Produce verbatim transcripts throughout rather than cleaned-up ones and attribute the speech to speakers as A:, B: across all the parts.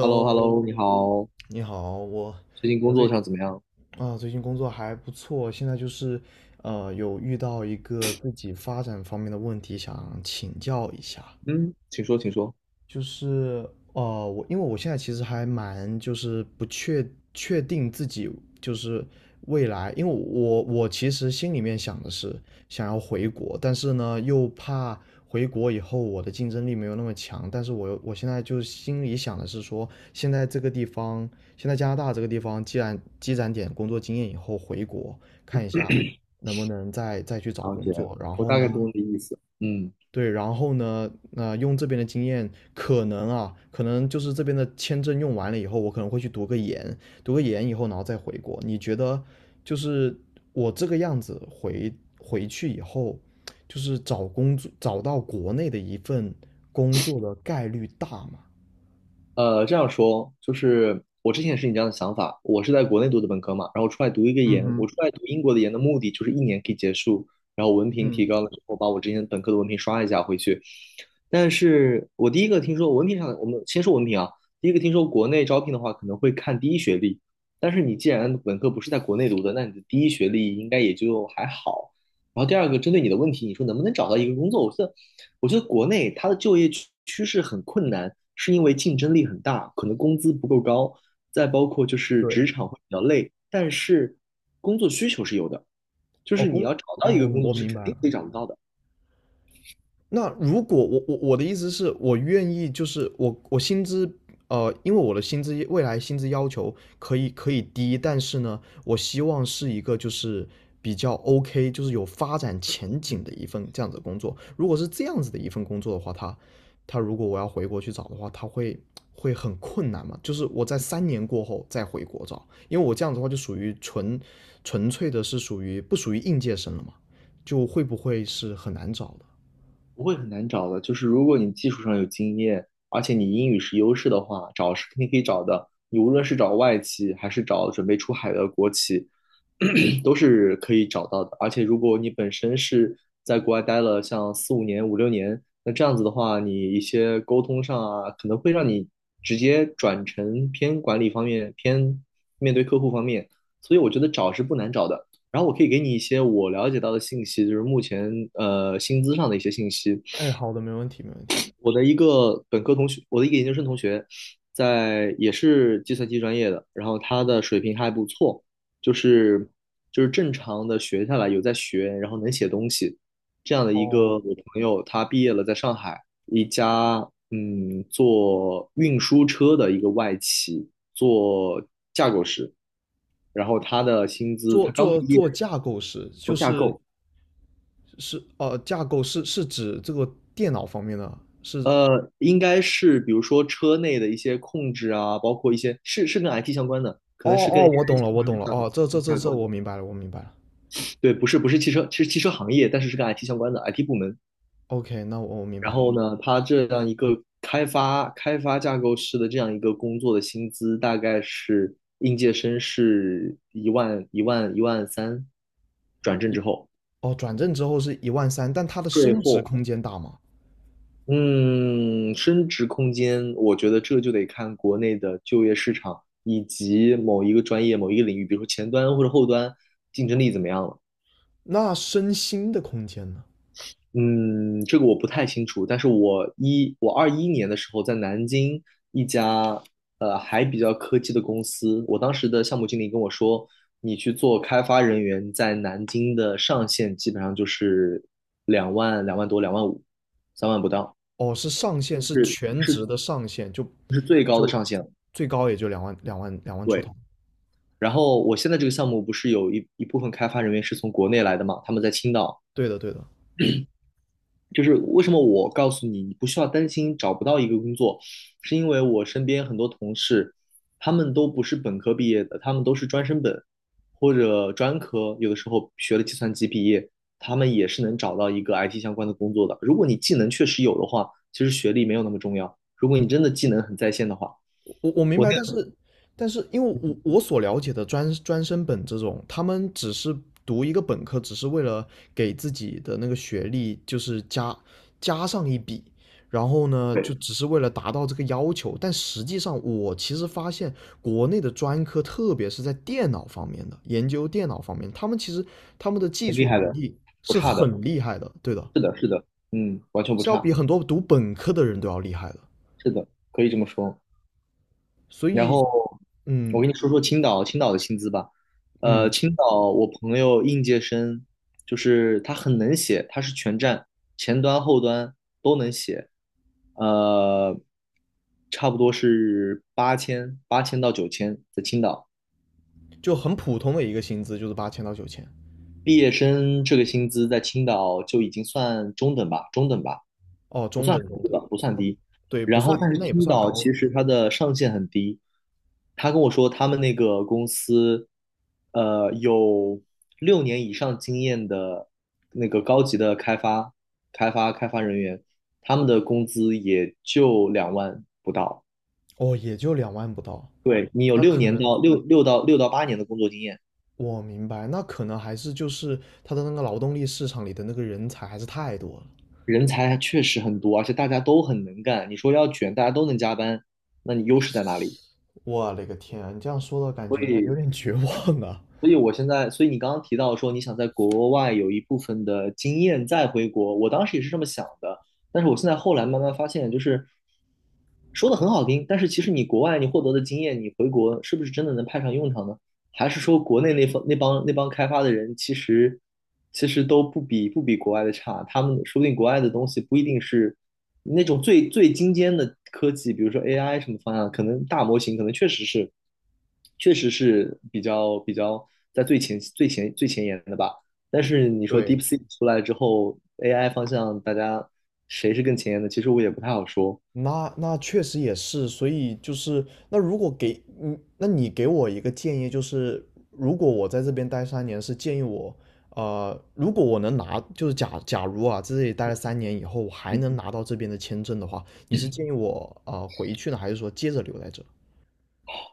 A: h e l l o h e l l o 你好，
B: 你好，我
A: 最近工
B: 我
A: 作
B: 最
A: 上怎么样？
B: 啊最近工作还不错，现在就是呃有遇到一个自己发展方面的问题，想请教一下。
A: 嗯，请说，请说。
B: 就是呃，我因为我现在其实还蛮就是不确确定自己就是未来，因为我我其实心里面想的是想要回国，但是呢又怕回国以后我的竞争力没有那么强，但是我又我现在就是心里想的是说，现在这个地方，现在加拿大这个地方，既然积攒点工作经验以后回国看一下能不能再再去找
A: 了
B: 工
A: 解，
B: 作，然
A: 我
B: 后
A: 大
B: 呢，
A: 概懂你的意思。嗯。
B: 对，然后呢，那、用这边的经验，可能啊，可能就是这边的签证用完了以后，我可能会去读个研，读个研以后，然后再回国。你觉得，就是我这个样子回回去以后，就是找工作，找到国内的一份工作的概率大吗？
A: 呃，这样说就是我之前也是你这样的想法，我是在国内读的本科嘛，然后出来读一个研，我出来读英国的研的目的就是一年可以结束，然后文凭提高了之后，把我之前本科的文凭刷一下回去。但是我第一个听说文凭上的，我们先说文凭啊，第一个听说国内招聘的话可能会看第一学历，但是你既然本科不是在国内读的，那你的第一学历应该也就还好。然后第二个，针对你的问题，你说能不能找到一个工作？我觉得我觉得国内它的就业趋趋势很困难，是因为竞争力很大，可能工资不够高，再包括就是职
B: 对，
A: 场会比较累，但是工作需求是有的，就
B: 哦，
A: 是你
B: 工，
A: 要找
B: 哦，
A: 到一个工
B: 我
A: 作是肯
B: 明白
A: 定
B: 了。
A: 可以找得到的。
B: 那如果我我我的意思是我愿意，就是我我薪资呃，因为我的薪资未来薪资要求可以可以低，但是呢，我希望是一个就是比较 OK，就是有发展前景的一份这样子的工作。如果是这样子的一份工作的话，他他如果我要回国去找的话，他会会很困难嘛？就是我在三年过后再回国找，因为我这样子的话就属于纯纯粹的是属于不属于应届生了嘛？就会不会是很难找的？
A: 不会很难找的，就是如果你技术上有经验，而且你英语是优势的话，找是肯定可以找的。你无论是找外企，还是找准备出海的国企，都是可以找到的。而且如果你本身是在国外待了像四五年、五六年，那这样子的话，你一些沟通上啊，可能会让你直接转成偏管理方面、偏面对客户方面。所以我觉得找是不难找的。然后我可以给你一些我了解到的信息，就是目前呃薪资上的一些信息。
B: 哎，好的，没问题，没问题。
A: 我的一个本科同学，我的一个研究生同学，在也是计算机专业的，然后他的水平还不错，就是就是正常的学下来有在学，然后能写东西这样的一个
B: 哦，
A: 我朋友，他毕业了，在上海一家嗯做运输车的一个外企做架构师，然后他的薪资
B: 做
A: 他刚
B: 做
A: 毕业
B: 做架构师，就是
A: 够。
B: 是呃，架构是是指这个电脑方面的，是
A: 呃，应该是比如说车内的一些控制啊，包括一些是是跟 I T 相关的，可
B: 哦
A: 能是跟
B: 哦，
A: A I
B: 我懂
A: 相
B: 了，我
A: 关的
B: 懂了，
A: 架构
B: 哦，这这这
A: 架
B: 这
A: 构。
B: 我明白了，我明白了。
A: 对，不是不是汽车，其实汽车行业，但是是跟 I T 相关的 I T 部门。
B: OK,那我我明白
A: 然
B: 了。
A: 后呢，它这样一个开发开发架构师的这样一个工作的薪资，大概是应届生是一万一万一万三，转正之后
B: 哦，转正之后是一万三，但它的
A: 税
B: 升职
A: 后。
B: 空间大吗？
A: 嗯，升值空间，我觉得这就得看国内的就业市场以及某一个专业、某一个领域，比如说前端或者后端，竞争力怎么样了。
B: 那升薪的空间呢？
A: 嗯，这个我不太清楚，但是我一我二一年的时候在南京一家呃还比较科技的公司，我当时的项目经理跟我说，你去做开发人员，在南京的上限基本上就是两万、两万多、两万五、三万不到，
B: 哦，是上限，
A: 就
B: 是
A: 是
B: 全职的上限，就
A: 是最高的
B: 就
A: 上限了。
B: 最高也就两万两万两万出头。
A: 然后我现在这个项目不是有一一部分开发人员是从国内来的嘛，他们在青岛。
B: 对的，对的。
A: 就是为什么我告诉你，你不需要担心找不到一个工作，是因为我身边很多同事，他们都不是本科毕业的，他们都是专升本或者专科，有的时候学了计算机毕业，他们也是能找到一个 I T 相关的工作的。如果你技能确实有的话，其实学历没有那么重要。如果你真的技能很在线的话，
B: 我我明
A: 我
B: 白，但
A: 那个
B: 是但是因为我我所了解的专专升本这种，他们只是读一个本科，只是为了给自己的那个学历就是加加上一笔，然后呢，就只是为了达到这个要求。但实际上，我其实发现国内的专科，特别是在电脑方面的研究电脑方面，他们其实他们的技
A: 很厉
B: 术
A: 害
B: 能
A: 的，
B: 力
A: 不
B: 是
A: 差
B: 很
A: 的，
B: 厉害的，对的，
A: 是的，是的，嗯，完全不
B: 是要比
A: 差。
B: 很多读本科的人都要厉害的。
A: 是的，可以这么说。
B: 所
A: 然
B: 以，
A: 后
B: 嗯
A: 我跟你说说青岛，青岛的薪资吧。呃，
B: 嗯。
A: 青岛我朋友应届生，就是他很能写，他是全站前端后端都能写，呃，差不多是八千八千到九千在青岛。
B: 就很普通的一个薪资，就是八千到九千，
A: 毕业生这个薪资在青岛就已经算中等吧，中等吧。
B: 哦，
A: 不
B: 中
A: 算
B: 等
A: 很
B: 中
A: 低
B: 等，
A: 吧，不算
B: 哦
A: 低。
B: 对，不
A: 然后，
B: 算，
A: 但是
B: 那也不
A: 青
B: 算
A: 岛
B: 高，
A: 其
B: 对，
A: 实它的上限很低。他跟我说，他们那个公司，呃，有六年以上经验的那个高级的开发、开发、开发人员，他们的工资也就两万不到。
B: 哦，也就两万不到，
A: 对，你有
B: 那
A: 六
B: 可
A: 年
B: 能
A: 到六六到六到八年的工作经验，
B: 我明白，那可能还是就是他的那个劳动力市场里的那个人才还是太多了，
A: 人才确实很多，而且大家都很能干。你说要卷，大家都能加班，那你优势在哪里？
B: 我勒个天啊，你这样说的感觉有点绝望啊，
A: 所以我现在，所以你刚刚提到说你想在国外有一部分的经验再回国，我当时也是这么想的，但是我现在后来慢慢发现，就是说的很好听，但是其实你国外你获得的经验，你回国是不是真的能派上用场呢？还是说国内那方那帮那帮开发的人，其实其实都不比不比国外的差。他们说不定国外的东西不一定是那种最最精尖的科技，比如说 A I 什么方向，可能大模型可能确实是确实是比较比较在最前最前最前沿的吧。但是你说
B: 对。
A: DeepSeek 出来之后，A I 方向大家谁是更前沿的？其实我也不太好说。
B: 那那确实也是，所以就是那如果给嗯，那你给我一个建议，就是如果我在这边待三年，是建议我，呃，如果我能拿，就是假假如啊，在这里待了三年以后，我还能拿到这边的签证的话，你是建议我啊、呃回去呢，还是说接着留在这？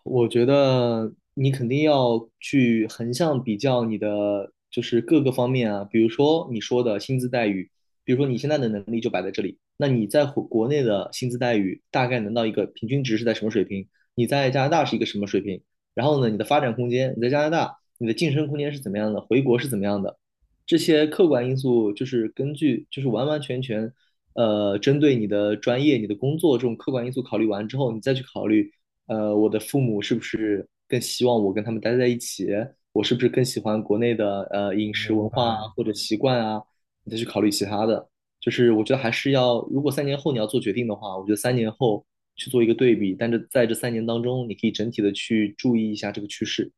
A: 我觉得你肯定要去横向比较你的，就是各个方面啊，比如说你说的薪资待遇，比如说你现在的能力就摆在这里，那你在国国内的薪资待遇大概能到一个平均值是在什么水平？你在加拿大是一个什么水平？然后呢，你的发展空间，你在加拿大你的晋升空间是怎么样的？回国是怎么样的？这些客观因素就是根据，就是完完全全。呃，针对你的专业、你的工作这种客观因素考虑完之后，你再去考虑呃，我的父母是不是更希望我跟他们待在一起？我是不是更喜欢国内的呃
B: 我
A: 饮食
B: 明
A: 文化啊，
B: 白。
A: 或者习惯啊？你再去考虑其他的。就是我觉得还是要，如果三年后你要做决定的话，我觉得三年后去做一个对比，但是在这三年当中，你可以整体的去注意一下这个趋势。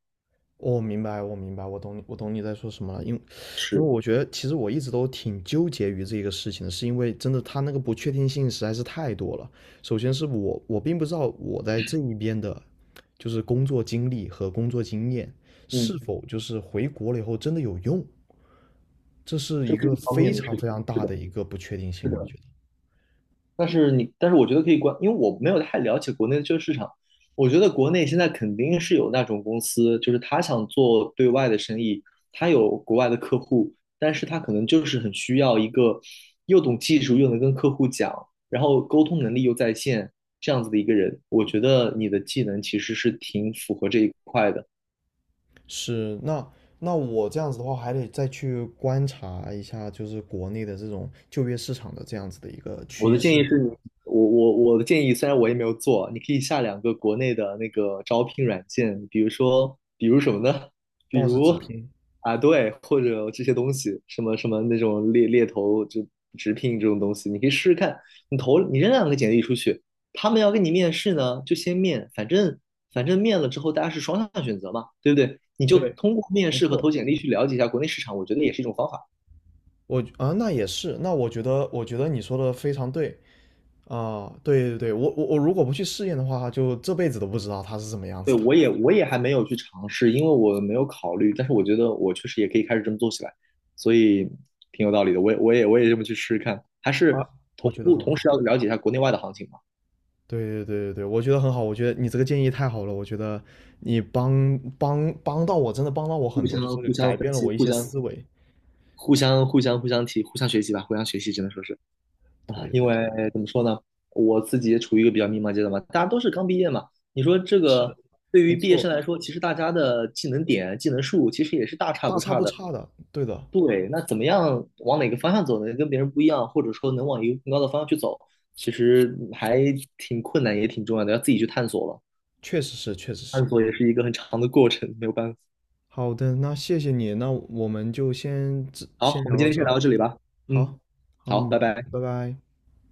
B: 我明白，我明白，我懂你，我懂你在说什么了。因为，因为
A: 是，
B: 我觉得其实我一直都挺纠结于这个事情的，是因为真的他那个不确定性实在是太多了。首先是我，我并不知道我在这一边的，就是工作经历和工作经验
A: 嗯，
B: 是否就是回国了以后真的有用，这是
A: 这
B: 一
A: 是
B: 个
A: 一方
B: 非
A: 面的事
B: 常
A: 情。
B: 非常
A: 是
B: 大
A: 的，
B: 的一个不确定
A: 是
B: 性，我
A: 的。
B: 觉得。
A: 但是你，但是我觉得可以关，因为我没有太了解国内的这个市场。我觉得国内现在肯定是有那种公司，就是他想做对外的生意，他有国外的客户，但是他可能就是很需要一个又懂技术又能跟客户讲，然后沟通能力又在线这样子的一个人。我觉得你的技能其实是挺符合这一块的。
B: 是，那那我这样子的话，还得再去观察一下，就是国内的这种就业市场的这样子的一个
A: 我
B: 趋
A: 的建议
B: 势。
A: 是你，我我我的建议，虽然我也没有做，你可以下两个国内的那个招聘软件，比如说，比如什么呢？比
B: ，B O S S
A: 如
B: 直拼，
A: 啊，对，或者这些东西，什么什么那种猎猎头就直聘这种东西，你可以试试看。你投你扔两个简历出去，他们要跟你面试呢，就先面，反正反正面了之后大家是双向选择嘛，对不对？你就
B: 对，
A: 通过面
B: 没
A: 试和
B: 错。
A: 投简历去了解一下国内市场，我觉得也是一种方法。
B: 我啊，那也是，那我觉得，我觉得你说的非常对啊，对对对，我我我如果不去试验的话，就这辈子都不知道它是什么样
A: 对，
B: 子的
A: 我也我也还没有去尝试，因为我没有考虑，但是我觉得我确实也可以开始这么做起来，所以挺有道理的。我也我也我也这么去试试看，还
B: 啊，
A: 是
B: 我
A: 同
B: 觉得
A: 步
B: 很
A: 同时
B: 好。
A: 要了解一下国内外的行情嘛，
B: 对对对对对，我觉得很好，我觉得你这个建议太好了，我觉得你帮帮帮到我，真的帮到我
A: 互
B: 很多，就
A: 相
B: 是
A: 互相
B: 改
A: 分
B: 变了
A: 析，
B: 我一
A: 互
B: 些
A: 相
B: 思维。
A: 互相互相互相提，互相学习吧，互相学习只能说是，
B: 对对
A: 因
B: 对，
A: 为怎么说呢，我自己也处于一个比较迷茫阶段嘛，大家都是刚毕业嘛，你说这
B: 是的，
A: 个对于
B: 没
A: 毕业生
B: 错，
A: 来说，其实大家的技能点、技能数其实也是大差
B: 大
A: 不
B: 差
A: 差
B: 不
A: 的。
B: 差的，对的，
A: 对，那怎么样往哪个方向走呢？跟别人不一样，或者说能往一个更高的方向去走，其实还挺困难，也挺重要的，要自己去探索了。
B: 确实是，确实是。
A: 探索也是一个很长的过程，没有办法。
B: 好的，那谢谢你，那我们就先这
A: 好，
B: 先
A: 我
B: 聊
A: 们今
B: 到
A: 天
B: 这。
A: 先聊到这里吧。嗯，
B: 好，好，
A: 好，
B: 嗯，
A: 拜拜。
B: 拜拜。